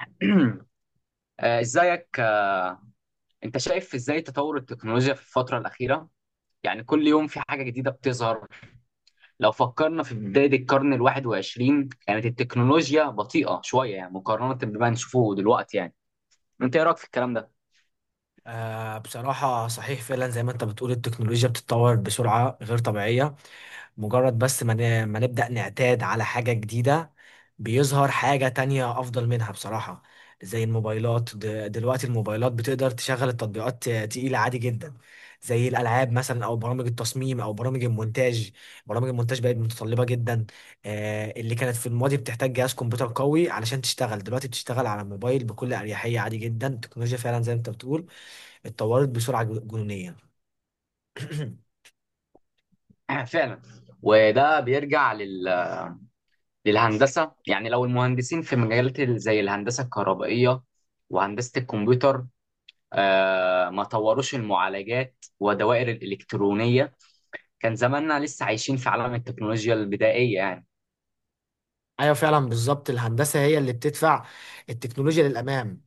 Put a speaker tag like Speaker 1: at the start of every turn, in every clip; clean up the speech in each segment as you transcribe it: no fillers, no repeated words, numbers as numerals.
Speaker 1: ازيك. انت شايف ازاي تطور التكنولوجيا في الفترة الأخيرة؟ يعني كل يوم في حاجة جديدة بتظهر، لو فكرنا في بداية القرن 21 كانت التكنولوجيا بطيئة شوية يعني، مقارنة بما نشوفه دلوقتي يعني، انت ايه رأيك في الكلام ده؟
Speaker 2: بصراحة صحيح فعلا زي ما انت بتقول التكنولوجيا بتتطور بسرعة غير طبيعية. مجرد بس ما نبدأ نعتاد على حاجة جديدة بيظهر حاجة تانية أفضل منها بصراحة. زي الموبايلات دلوقتي الموبايلات بتقدر تشغل التطبيقات تقيلة عادي جدا، زي الألعاب مثلا أو برامج التصميم أو برامج المونتاج. برامج المونتاج بقت متطلبة جدا. اللي كانت في الماضي بتحتاج جهاز كمبيوتر قوي علشان تشتغل دلوقتي بتشتغل على الموبايل بكل أريحية عادي جدا. التكنولوجيا فعلا زي ما انت بتقول اتطورت بسرعة جنونية.
Speaker 1: فعلا، وده بيرجع للهندسة. يعني لو المهندسين في مجالات زي الهندسة الكهربائية وهندسة الكمبيوتر، ما طوروش المعالجات والدوائر الإلكترونية، كان زماننا لسه عايشين في عالم التكنولوجيا البدائية يعني.
Speaker 2: ايوه فعلا بالظبط، الهندسه هي اللي بتدفع التكنولوجيا للامام.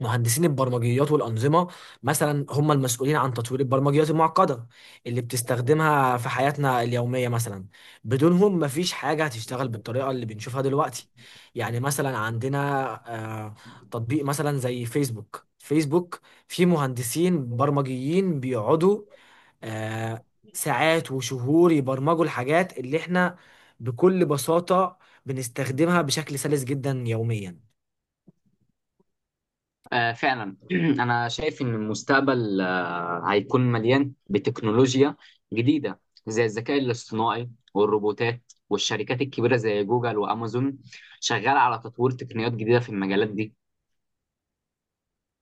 Speaker 2: مهندسين البرمجيات والانظمه مثلا هم المسؤولين عن تطوير البرمجيات المعقده اللي بتستخدمها في حياتنا اليوميه. مثلا بدونهم مفيش حاجه هتشتغل بالطريقه اللي بنشوفها دلوقتي. يعني مثلا عندنا آه، تطبيق مثلا زي فيسبوك. فيه مهندسين برمجيين بيقعدوا آه، ساعات وشهور يبرمجوا الحاجات اللي احنا بكل بساطة بنستخدمها بشكل سلس جدا يوميا.
Speaker 1: آه، فعلا. أنا شايف إن المستقبل هيكون مليان بتكنولوجيا جديدة، زي الذكاء الاصطناعي والروبوتات، والشركات الكبيرة زي جوجل وأمازون شغالة على تطوير تقنيات جديدة في المجالات دي.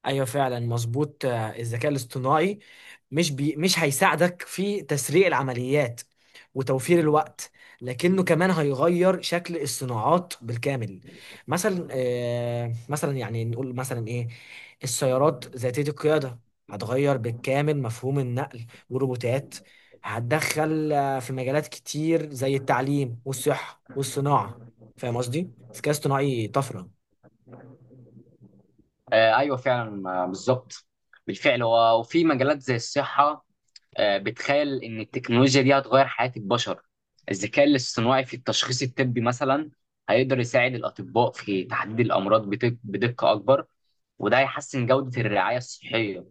Speaker 2: ايوه فعلا مظبوط. الذكاء الاصطناعي مش هيساعدك في تسريع العمليات وتوفير الوقت لكنه كمان هيغير شكل الصناعات بالكامل. مثلا، آه مثلا يعني نقول مثلا ايه السيارات ذاتية القيادة هتغير بالكامل مفهوم النقل، والروبوتات هتدخل في مجالات كتير زي التعليم والصحة والصناعة. فاهم قصدي؟ الذكاء الاصطناعي طفرة.
Speaker 1: آه، أيوة فعلا، آه، بالظبط. بالفعل. وفي مجالات زي الصحة، بتخيل ان التكنولوجيا دي هتغير حياة البشر. الذكاء الاصطناعي في التشخيص الطبي مثلا هيقدر يساعد الأطباء في تحديد الأمراض بدقة أكبر، وده هيحسن جودة الرعاية الصحية.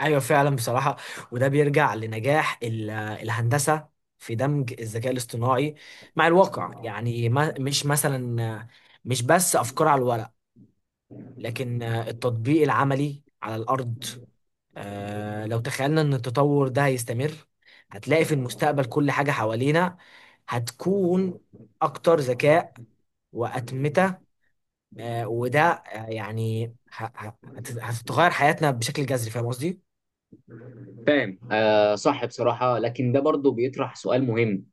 Speaker 2: ايوه فعلا بصراحه. وده بيرجع لنجاح الهندسه في دمج الذكاء الاصطناعي مع الواقع. يعني ما مش مثلا مش بس افكار على الورق لكن التطبيق العملي على الارض. لو تخيلنا ان التطور ده هيستمر هتلاقي في المستقبل كل حاجه حوالينا هتكون اكتر ذكاء واتمته. وده هتتغير حياتنا بشكل جذري. فاهم قصدي؟
Speaker 1: فاهم، آه صح، بصراحة لكن ده برضه بيطرح سؤال مهم.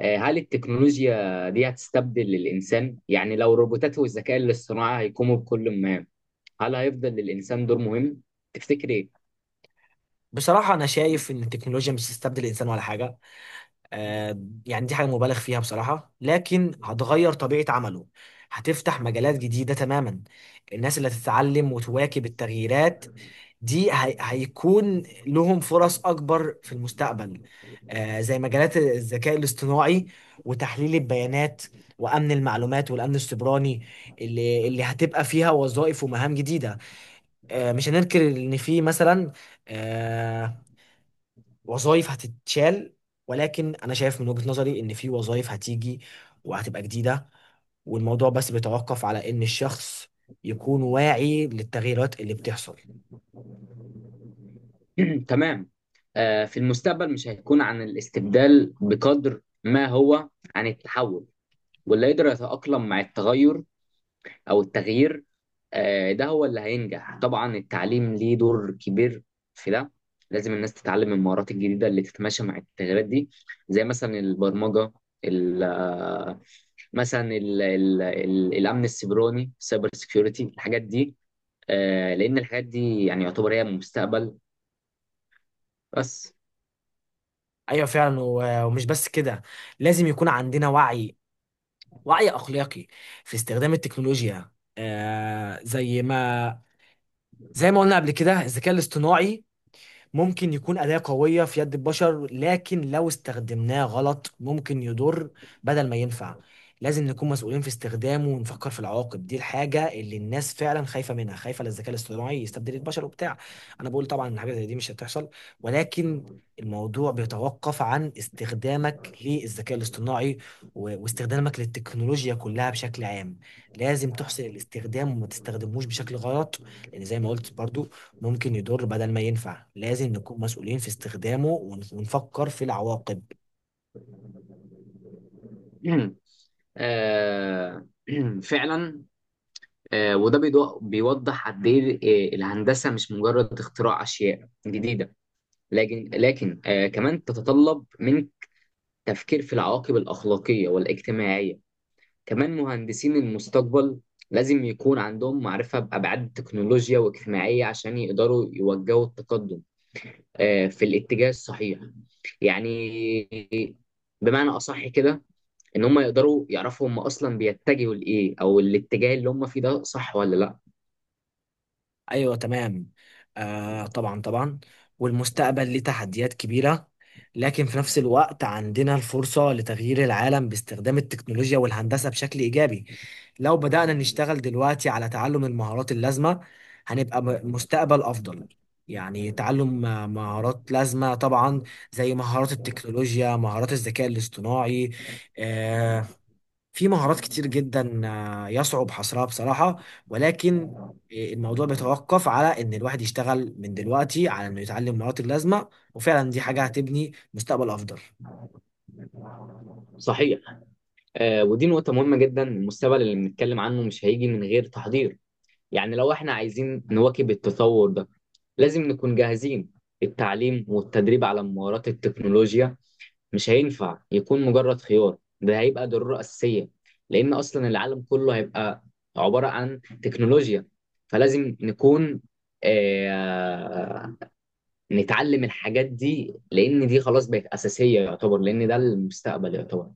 Speaker 1: هل التكنولوجيا دي هتستبدل الإنسان؟ يعني لو الروبوتات والذكاء الاصطناعي هيقوموا بكل مهام، هل هيفضل للإنسان دور مهم؟ تفتكر إيه؟
Speaker 2: بصراحة أنا شايف إن التكنولوجيا مش هتستبدل الإنسان ولا حاجة. آه، يعني دي حاجة مبالغ فيها بصراحة، لكن هتغير طبيعة عمله، هتفتح مجالات جديدة تماما. الناس اللي هتتعلم وتواكب التغييرات دي هيكون لهم فرص أكبر في المستقبل، آه زي مجالات الذكاء الاصطناعي وتحليل البيانات وأمن المعلومات والأمن السيبراني، اللي هتبقى فيها وظائف ومهام جديدة. آه مش هننكر إن في مثلا، آه، وظائف هتتشال، ولكن انا شايف من وجهة نظري ان في وظائف هتيجي وهتبقى جديدة. والموضوع بس بيتوقف على ان الشخص يكون واعي للتغييرات اللي بتحصل.
Speaker 1: تمام. في المستقبل مش هيكون عن الاستبدال بقدر ما هو عن التحول، واللي يقدر يتأقلم مع التغير أو التغيير، ده هو اللي هينجح. طبعا التعليم ليه دور كبير في ده، لازم الناس تتعلم المهارات الجديدة اللي تتماشى مع التغيرات دي، زي مثلا البرمجة، ال- آه، مثلا ال ال ال الأمن السيبراني، سايبر سيكيورتي، الحاجات دي. لأن الحاجات دي يعني يعتبر هي المستقبل بس.
Speaker 2: ايوه فعلا. ومش بس كده، لازم يكون عندنا وعي، وعي اخلاقي في استخدام التكنولوجيا. آه زي ما زي ما قلنا قبل كده، الذكاء الاصطناعي ممكن يكون أداة قوية في يد البشر، لكن لو استخدمناه غلط ممكن يضر بدل ما ينفع. لازم نكون مسؤولين في استخدامه ونفكر في العواقب. دي الحاجة اللي الناس فعلا خايفة منها، خايفة للذكاء الاصطناعي يستبدل البشر وبتاع. أنا بقول طبعا إن حاجة زي دي مش هتحصل، ولكن الموضوع بيتوقف عن استخدامك للذكاء الاصطناعي واستخدامك للتكنولوجيا كلها بشكل عام. لازم تحسن الاستخدام وما تستخدموش بشكل غلط، لان زي ما قلت برضو ممكن يضر بدل ما ينفع. لازم نكون مسؤولين في استخدامه ونفكر في العواقب.
Speaker 1: آه، فعلا. وده بيوضح قد ايه الهندسه مش مجرد اختراع اشياء جديده، لكن كمان تتطلب من تفكير في العواقب الاخلاقيه والاجتماعيه. كمان مهندسين المستقبل لازم يكون عندهم معرفه بابعاد التكنولوجيا واجتماعيه عشان يقدروا يوجهوا التقدم في الاتجاه الصحيح. يعني بمعنى اصح كده، ان هم يقدروا يعرفوا هم اصلا بيتجهوا لايه، او الاتجاه اللي هم فيه ده صح ولا لا.
Speaker 2: ايوه تمام. آه طبعا طبعا. والمستقبل ليه تحديات كبيرة، لكن في نفس الوقت عندنا الفرصة لتغيير العالم باستخدام التكنولوجيا والهندسة بشكل إيجابي. لو بدأنا نشتغل دلوقتي على تعلم المهارات اللازمة هنبقى مستقبل أفضل. يعني تعلم مهارات لازمة طبعا، زي مهارات التكنولوجيا، مهارات الذكاء الاصطناعي. آه، في مهارات كتير جدا يصعب حصرها بصراحة. ولكن الموضوع بيتوقف على ان الواحد يشتغل من دلوقتي على انه يتعلم مهارات اللازمة، وفعلا دي حاجة هتبني مستقبل افضل.
Speaker 1: صحيح. آه، ودي نقطه مهمه جدا، المستقبل اللي بنتكلم عنه مش هيجي من غير تحضير. يعني لو احنا عايزين نواكب التطور ده، لازم نكون جاهزين. التعليم والتدريب على مهارات التكنولوجيا مش هينفع يكون مجرد خيار، ده هيبقى ضرورة أساسية، لأن أصلا العالم كله هيبقى عبارة عن تكنولوجيا. فلازم نكون، آه، نتعلم الحاجات دي، لان دي خلاص بقت اساسيه يعتبر، لان ده المستقبل يعتبر.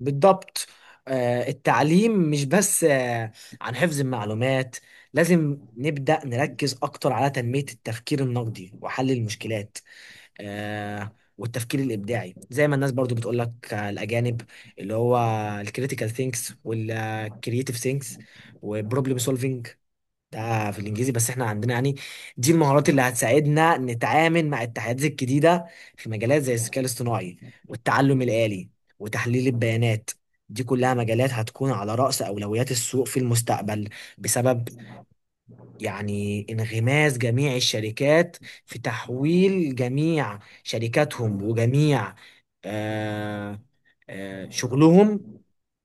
Speaker 2: بالضبط. التعليم مش بس عن حفظ المعلومات، لازم نبدأ نركز اكتر على تنمية التفكير النقدي وحل المشكلات والتفكير الابداعي. زي ما الناس برضو بتقول لك، الاجانب اللي هو الكريتيكال ثينكس والكرييتيف ثينكس وبروبلم سولفينج، ده في الانجليزي بس احنا عندنا يعني. دي المهارات اللي هتساعدنا نتعامل مع التحديات الجديده في مجالات زي الذكاء الاصطناعي والتعلم الآلي وتحليل البيانات. دي كلها مجالات هتكون على رأس أولويات السوق في المستقبل، بسبب يعني انغماس جميع الشركات في تحويل جميع شركاتهم وجميع آه، شغلهم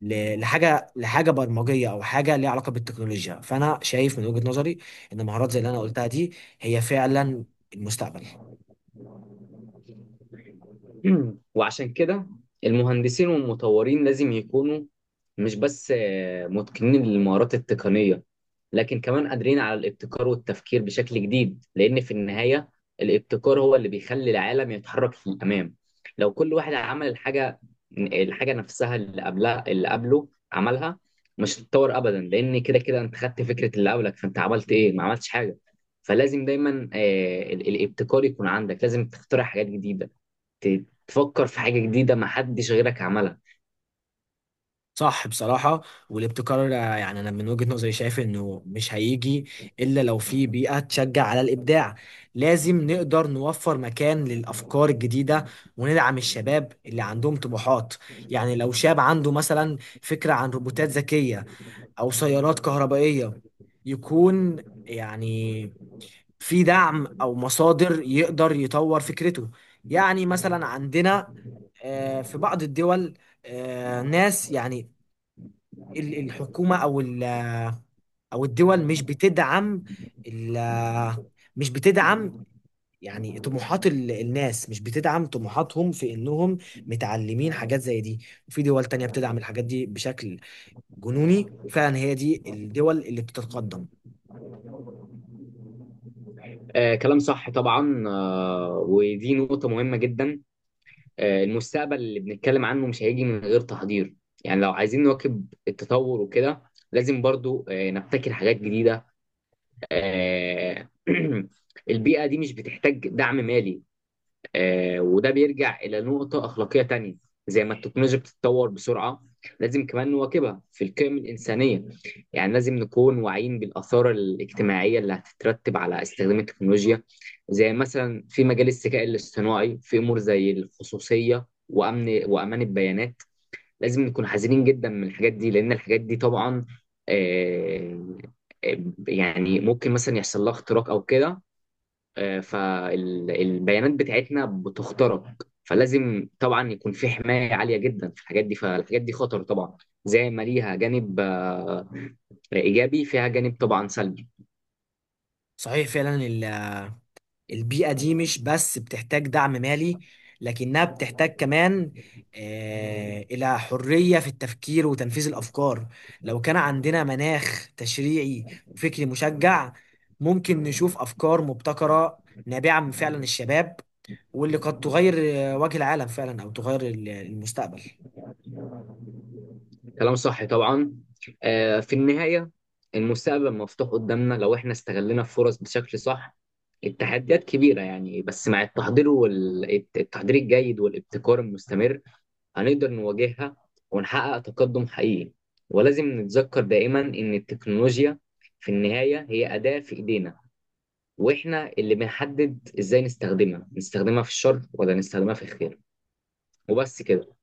Speaker 2: لحاجه برمجيه او حاجه ليها علاقه بالتكنولوجيا. فانا شايف من وجهة نظري ان مهارات زي اللي انا قلتها دي هي فعلا المستقبل.
Speaker 1: وعشان كده، المهندسين والمطورين لازم يكونوا مش بس متقنين للمهارات التقنيه، لكن كمان قادرين على الابتكار والتفكير بشكل جديد، لأن في النهاية الابتكار هو اللي بيخلي العالم يتحرك للأمام. لو كل واحد عمل الحاجة نفسها اللي قبلها اللي قبله عملها، مش هتتطور أبدا، لأن كده كده أنت خدت فكرة اللي قبلك، فأنت عملت إيه؟ ما عملتش حاجة. فلازم دايما الابتكار يكون عندك، لازم تخترع حاجات جديدة، تفكر في حاجة جديدة ما حدش غيرك عملها.
Speaker 2: صح بصراحة. والابتكار يعني أنا من وجهة نظري شايف إنه مش هيجي إلا لو في بيئة تشجع على الإبداع. لازم نقدر نوفر مكان للأفكار الجديدة وندعم الشباب اللي عندهم طموحات. يعني لو شاب عنده مثلا فكرة عن روبوتات ذكية أو سيارات كهربائية يكون يعني في دعم أو مصادر يقدر يطور فكرته. يعني مثلا عندنا في بعض الدول ناس يعني الحكومة أو أو الدول مش بتدعم ال- مش بتدعم يعني طموحات الناس، مش بتدعم طموحاتهم في إنهم متعلمين حاجات زي دي، وفي دول تانية بتدعم الحاجات دي بشكل جنوني، وفعلا هي دي الدول اللي بتتقدم.
Speaker 1: كلام صح طبعا. ودي نقطة مهمة جدا. المستقبل اللي بنتكلم عنه مش هيجي من غير تحضير. يعني لو عايزين نواكب التطور وكده، لازم برضو نبتكر حاجات جديدة. آه، البيئة دي مش بتحتاج دعم مالي. وده بيرجع إلى نقطة أخلاقية تانية. زي ما التكنولوجيا بتتطور بسرعة، لازم كمان نواكبها في القيم الإنسانية. يعني لازم نكون واعيين بالآثار الاجتماعية اللي هتترتب على استخدام التكنولوجيا، زي مثلا في مجال الذكاء الاصطناعي، في أمور زي الخصوصية وأمن وأمان البيانات. لازم نكون حذرين جدا من الحاجات دي، لأن الحاجات دي طبعا آه، آه، يعني ممكن مثلا يحصل لها اختراق أو كده، فالبيانات بتاعتنا بتخترق. فلازم طبعا يكون في حماية عالية جدا في الحاجات دي، فالحاجات دي خطر طبعا، زي ما ليها جانب إيجابي، فيها جانب طبعا سلبي.
Speaker 2: صحيح فعلا. البيئة دي مش بس بتحتاج دعم مالي، لكنها بتحتاج كمان إلى حرية في التفكير وتنفيذ الأفكار. لو كان عندنا مناخ تشريعي وفكري مشجع ممكن نشوف أفكار مبتكرة نابعة من فعلا الشباب، واللي قد تغير وجه العالم فعلا أو تغير المستقبل.
Speaker 1: كلام صح طبعا. في النهاية، المستقبل مفتوح قدامنا لو احنا استغلنا الفرص بشكل صح. التحديات كبيرة يعني، بس مع التحضير والتحضير الجيد والابتكار المستمر هنقدر نواجهها، ونحقق تقدم حقيقي. ولازم نتذكر دائما إن التكنولوجيا في النهاية هي أداة في إيدينا، وإحنا اللي بنحدد إزاي نستخدمها، في الشر ولا نستخدمها في الخير. وبس كده.